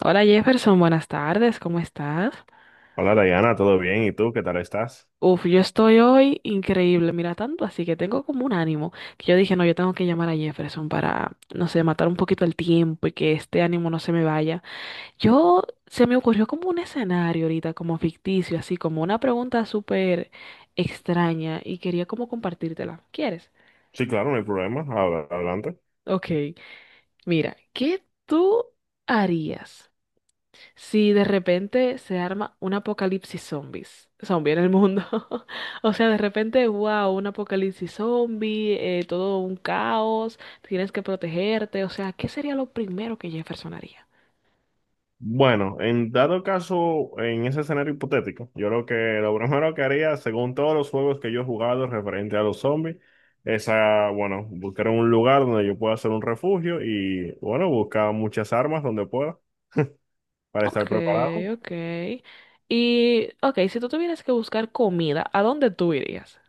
Hola Jefferson, buenas tardes, ¿cómo estás? Hola Dayana, ¿todo bien? ¿Y tú qué tal estás? Uf, yo estoy hoy increíble, mira tanto, así que tengo como un ánimo que yo dije, no, yo tengo que llamar a Jefferson para, no sé, matar un poquito el tiempo y que este ánimo no se me vaya. Yo se me ocurrió como un escenario ahorita, como ficticio, así como una pregunta súper extraña y quería como compartírtela. ¿Quieres? Sí, claro, no hay problema. Adelante. Ok, mira, ¿qué tú harías? Si de repente se arma un apocalipsis zombie en el mundo. O sea, de repente, wow, un apocalipsis zombie, todo un caos, tienes que protegerte. O sea, ¿qué sería lo primero que Jefferson haría? Bueno, en dado caso, en ese escenario hipotético, yo creo que lo primero que haría, según todos los juegos que yo he jugado referente a los zombies, es, ah, bueno, buscar un lugar donde yo pueda hacer un refugio y, bueno, buscar muchas armas donde pueda para estar Ok, preparado. ok. Y, ok, si tú tuvieras que buscar comida, ¿a dónde tú irías?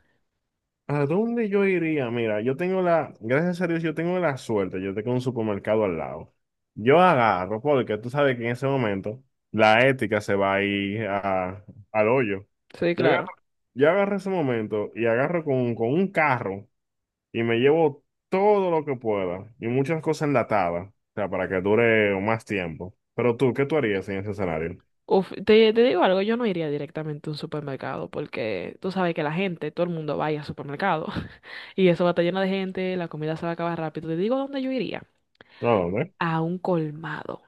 ¿A dónde yo iría? Mira, yo tengo la, gracias a Dios, yo tengo la suerte, yo tengo un supermercado al lado. Yo agarro, porque tú sabes que en ese momento la ética se va a ir al hoyo. Sí, Yo claro. agarro, yo agarro ese momento y agarro con un carro y me llevo todo lo que pueda y muchas cosas enlatadas, o sea, para que dure más tiempo. Pero tú, ¿qué tú harías en ese escenario? Uf, te digo algo, yo no iría directamente a un supermercado porque tú sabes que la gente, todo el mundo va a ir al supermercado y eso va a estar lleno de gente, la comida se va a acabar rápido. Te digo dónde yo iría, ¿A dónde? a un colmado,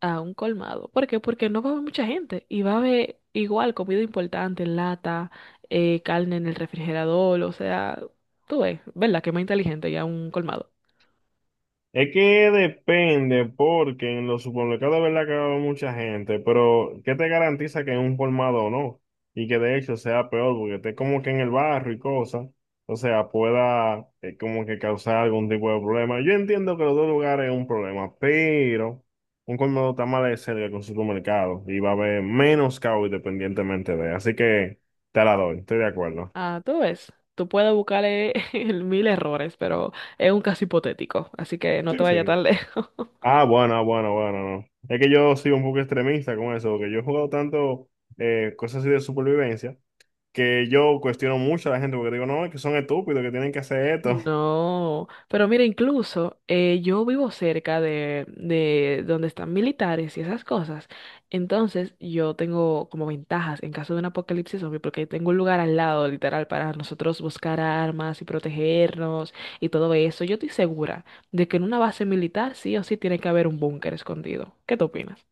a un colmado. ¿Por qué? Porque no va a haber mucha gente y va a haber igual comida importante, lata, carne en el refrigerador, o sea, tú ves, ¿verdad? Que más inteligente ya un colmado. Es que depende, porque en los supermercados de verdad que va a haber mucha gente, pero ¿qué te garantiza que es un colmado no? Y que de hecho sea peor, porque esté como que en el barrio y cosas, o sea, pueda como que causar algún tipo de problema. Yo entiendo que los dos lugares es un problema, pero un colmado está más de cerca que un supermercado y va a haber menos caos independientemente de. Así que te la doy, estoy de acuerdo. Ah, tú ves, tú puedes buscarle mil errores, pero es un caso hipotético, así que no te Sí, vayas sí. tan lejos. Ah, bueno, ah, bueno, bueno, no. Es que yo soy un poco extremista con eso, porque yo he jugado tanto cosas así de supervivencia que yo cuestiono mucho a la gente porque digo, no, es que son estúpidos, que tienen que hacer esto. No, pero mira, incluso yo vivo cerca de donde están militares y esas cosas. Entonces yo tengo como ventajas en caso de un apocalipsis zombie porque tengo un lugar al lado, literal, para nosotros buscar armas y protegernos y todo eso. Yo estoy segura de que en una base militar sí o sí tiene que haber un búnker escondido. ¿Qué tú opinas?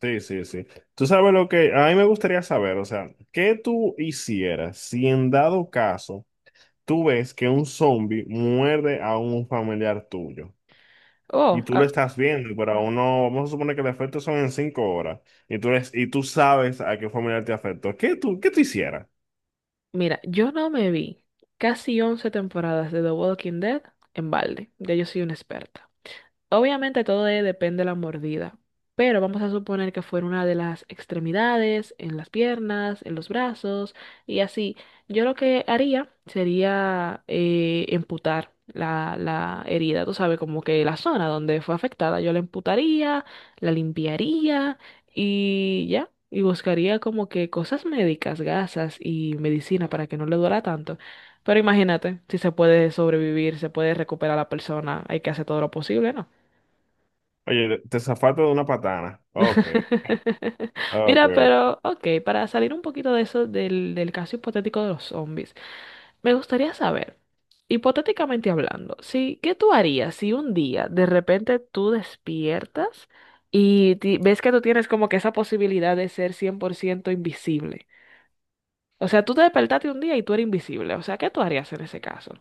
Sí, sí, sí. Tú sabes lo que a mí me gustaría saber, o sea, ¿qué tú hicieras si en dado caso tú ves que un zombie muerde a un familiar tuyo y Oh, tú lo ah, estás viendo, pero aún no, vamos a suponer que los efectos son en 5 horas y tú, y tú sabes a qué familiar te afectó, ¿qué tú hicieras? mira, yo no me vi casi 11 temporadas de The Walking Dead en balde. Ya yo soy una experta. Obviamente todo depende de la mordida, pero vamos a suponer que fuera una de las extremidades, en las piernas, en los brazos y así. Yo lo que haría sería amputar la herida, tú sabes, como que la zona donde fue afectada, yo la amputaría, la limpiaría y ya. Y buscaría como que cosas médicas, gasas y medicina para que no le duela tanto. Pero imagínate, si se puede sobrevivir, se puede recuperar la persona, hay que hacer todo lo posible, ¿no? Oye, te zafaste de una patana. Ok, ok. Mira, Ok. pero ok, para salir un poquito de eso, del caso hipotético de los zombies, me gustaría saber, hipotéticamente hablando, si, ¿qué tú harías si un día de repente tú despiertas y ves que tú tienes como que esa posibilidad de ser 100% invisible? O sea, tú te despertaste un día y tú eres invisible. O sea, ¿qué tú harías en ese caso?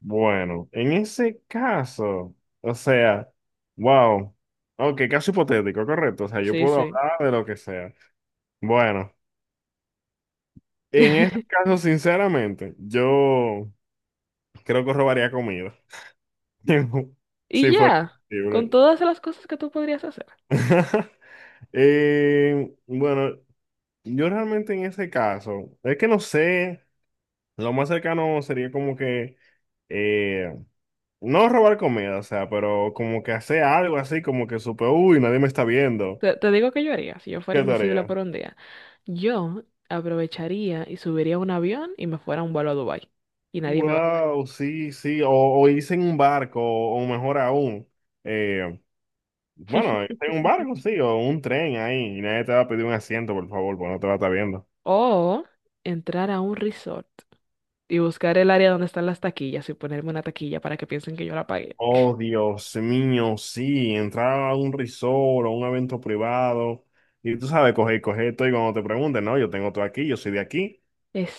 Bueno, en ese caso, o sea, wow. Ok, caso hipotético, correcto. O sea, yo Sí, puedo sí. hablar de lo que sea. Bueno, en este caso, sinceramente, yo creo que robaría comida. Y Si fuera ya, con posible. todas las cosas que tú podrías hacer. Bueno, yo realmente en ese caso, es que no sé, lo más cercano sería como que eh, no robar comida, o sea, pero como que hacer algo así, como que supe, uy, nadie me está viendo. Te digo que yo haría, si yo fuera ¿Qué invisible tarea? por un día, yo aprovecharía y subiría a un avión y me fuera a un vuelo a Dubái y nadie me va a ver. Wow, sí, sí, o irse en un barco, o mejor aún, eh, bueno, irse en un barco, sí, o un tren ahí, y nadie te va a pedir un asiento, por favor, porque no te va a estar viendo. O entrar a un resort y buscar el área donde están las taquillas y ponerme una taquilla para que piensen que yo la pagué. Oh, Dios mío, sí, entrar a un resort o un evento privado, y tú sabes, coger esto, y cuando te pregunten, no, yo tengo todo aquí, yo soy de aquí.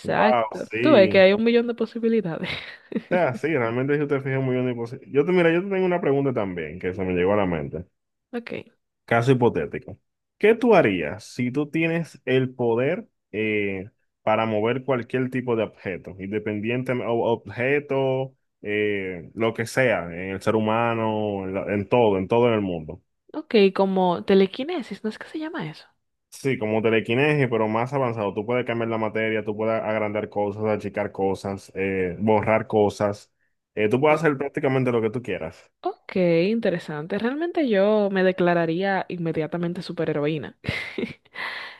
Wow, Tú ves que sí. hay un millón de posibilidades. sea, sí, realmente si usted fija muy bien, pues, yo te, mira, yo te tengo una pregunta también que se me llegó a la mente. Ok, Caso hipotético. ¿Qué tú harías si tú tienes el poder eh, para mover cualquier tipo de objeto, objeto, lo que sea, en el ser humano, en, en todo, en todo en el mundo? ok, como telequinesis, ¿no es que se llama eso? Sí, como telequinesis, pero más avanzado. Tú puedes cambiar la materia, tú puedes agrandar cosas, achicar cosas, borrar cosas. Tú puedes hacer prácticamente lo que tú quieras. Ok, interesante. Realmente yo me declararía inmediatamente superheroína.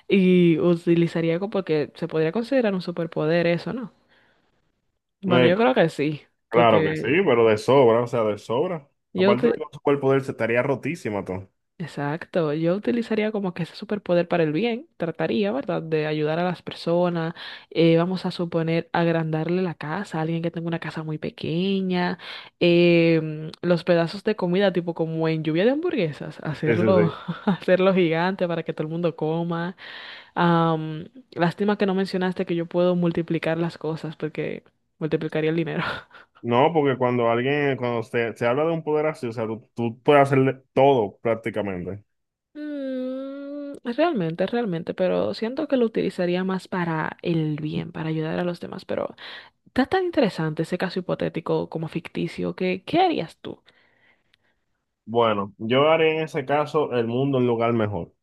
Y utilizaría como porque se podría considerar un superpoder eso, ¿no? Bueno, Eh, yo creo que sí, Claro que sí, porque pero de sobra, o sea, de sobra. yo Aparte de que uti- su cuerpo de él se estaría rotísima, todo. Exacto, yo utilizaría como que ese superpoder para el bien, trataría, ¿verdad?, de ayudar a las personas, vamos a suponer agrandarle la casa a alguien que tenga una casa muy pequeña, los pedazos de comida, tipo como en lluvia de hamburguesas, Sí, sí, hacerlo, sí. hacerlo gigante para que todo el mundo coma. Lástima que no mencionaste que yo puedo multiplicar las cosas porque multiplicaría el dinero. No, porque cuando alguien, cuando se habla de un poder así, o sea, tú puedes hacerle todo prácticamente. Realmente, realmente, pero siento que lo utilizaría más para el bien, para ayudar a los demás. Pero está tan interesante ese caso hipotético como ficticio que, ¿qué harías tú? Bueno, yo haré en ese caso el mundo un lugar mejor. O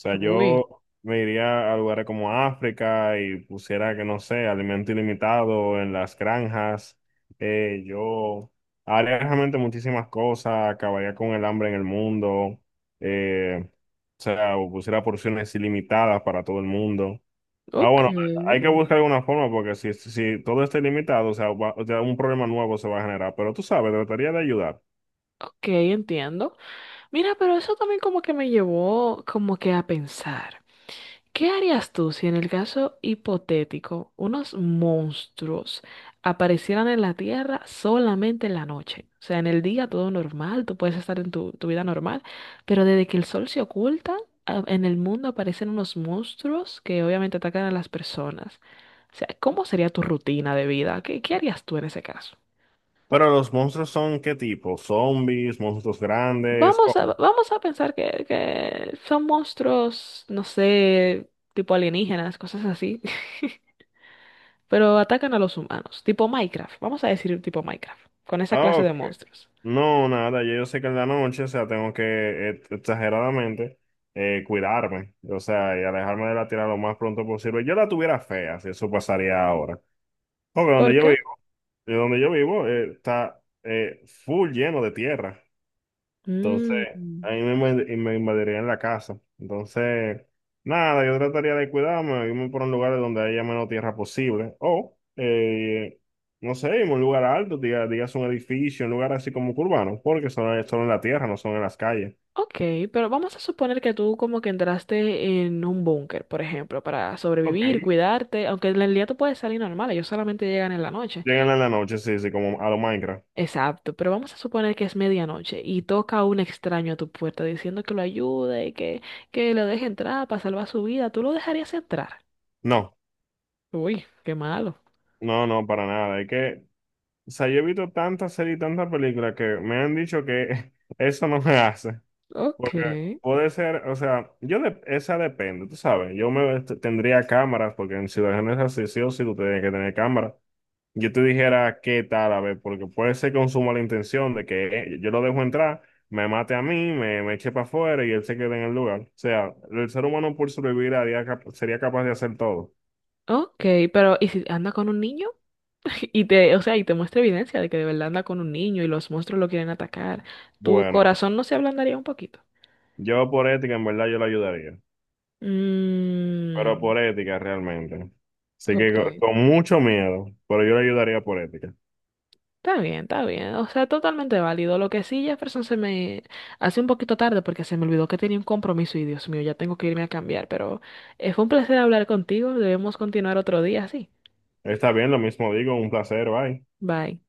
sea, Uy, yo me iría a lugares como África y pusiera, que no sé, alimento ilimitado en las granjas. Yo haría realmente muchísimas cosas, acabaría con el hambre en el mundo. eh, o sea, o pusiera porciones ilimitadas para todo el mundo. Ah, ok, bueno, hay que buscar alguna forma porque si, si todo está ilimitado, o sea, o sea, un problema nuevo se va a generar. Pero tú sabes, trataría de ayudar. ok, entiendo. Mira, pero eso también como que me llevó como que a pensar. ¿Qué harías tú si en el caso hipotético unos monstruos aparecieran en la Tierra solamente en la noche? O sea, en el día todo normal, tú puedes estar en tu vida normal, pero desde que el sol se oculta, en el mundo aparecen unos monstruos que obviamente atacan a las personas. O sea, ¿cómo sería tu rutina de vida? ¿Qué, qué harías tú en ese caso? Pero los monstruos son ¿qué tipo? ¿Zombies? ¿Monstruos grandes? Vamos a, ¿Cómo? vamos a pensar que son monstruos, no sé, tipo alienígenas, cosas así. pero atacan a los humanos, tipo Minecraft, vamos a decir tipo Minecraft, con esa Ah, clase de ok. monstruos. No, nada, ya yo sé que en la noche, o sea, tengo que exageradamente cuidarme, o sea, y alejarme de la tierra lo más pronto posible. Yo la tuviera fea, si eso pasaría ahora. Porque ¿Por qué? Donde yo vivo está full lleno de tierra. Entonces, Mm, a mí me, y me invadirían la casa. Entonces, nada, yo trataría de cuidarme, irme por un lugar donde haya menos tierra posible. O, no sé, irme a un lugar alto, digas un edificio, un lugar así como urbano, porque son, son en la tierra, no son en las calles. ok, pero vamos a suponer que tú como que entraste en un búnker, por ejemplo, para Ok. sobrevivir, cuidarte, aunque en el día tú puedes salir normal, ellos solamente llegan en la noche. Llegan en la noche, sí, sí, como a lo Minecraft. Exacto, pero vamos a suponer que es medianoche y toca un extraño a tu puerta diciendo que lo ayude, que lo deje entrar para salvar su vida, ¿tú lo dejarías entrar? No, Uy, qué malo. no, no, para nada. Es que, o sea, yo he visto tantas series y tantas películas que me han dicho que eso no me hace. Ok, Porque puede ser, o sea, esa depende, tú sabes, yo me tendría cámaras, porque en situaciones así sí o sí tú tienes que tener cámaras. Yo te dijera qué tal, a ver, porque puede ser con su la intención de que yo lo dejo entrar, me mate a mí, me eche para afuera y él se quede en el lugar. O sea, el ser humano por sobrevivir haría sería capaz de hacer todo. ok, pero ¿y si anda con un niño? Y te, o sea, y te muestra evidencia de que de verdad anda con un niño y los monstruos lo quieren atacar. ¿Tu Bueno, corazón no se ablandaría un poquito? yo por ética en verdad yo lo ayudaría, pero Mm, por ética realmente. Así que ok. con mucho miedo, pero yo le ayudaría por ética. Está bien, está bien. O sea, totalmente válido. Lo que sí, Jefferson, se me hace un poquito tarde porque se me olvidó que tenía un compromiso y Dios mío, ya tengo que irme a cambiar. Pero fue un placer hablar contigo. Debemos continuar otro día, sí. Está bien, lo mismo digo, un placer, bye. Bye.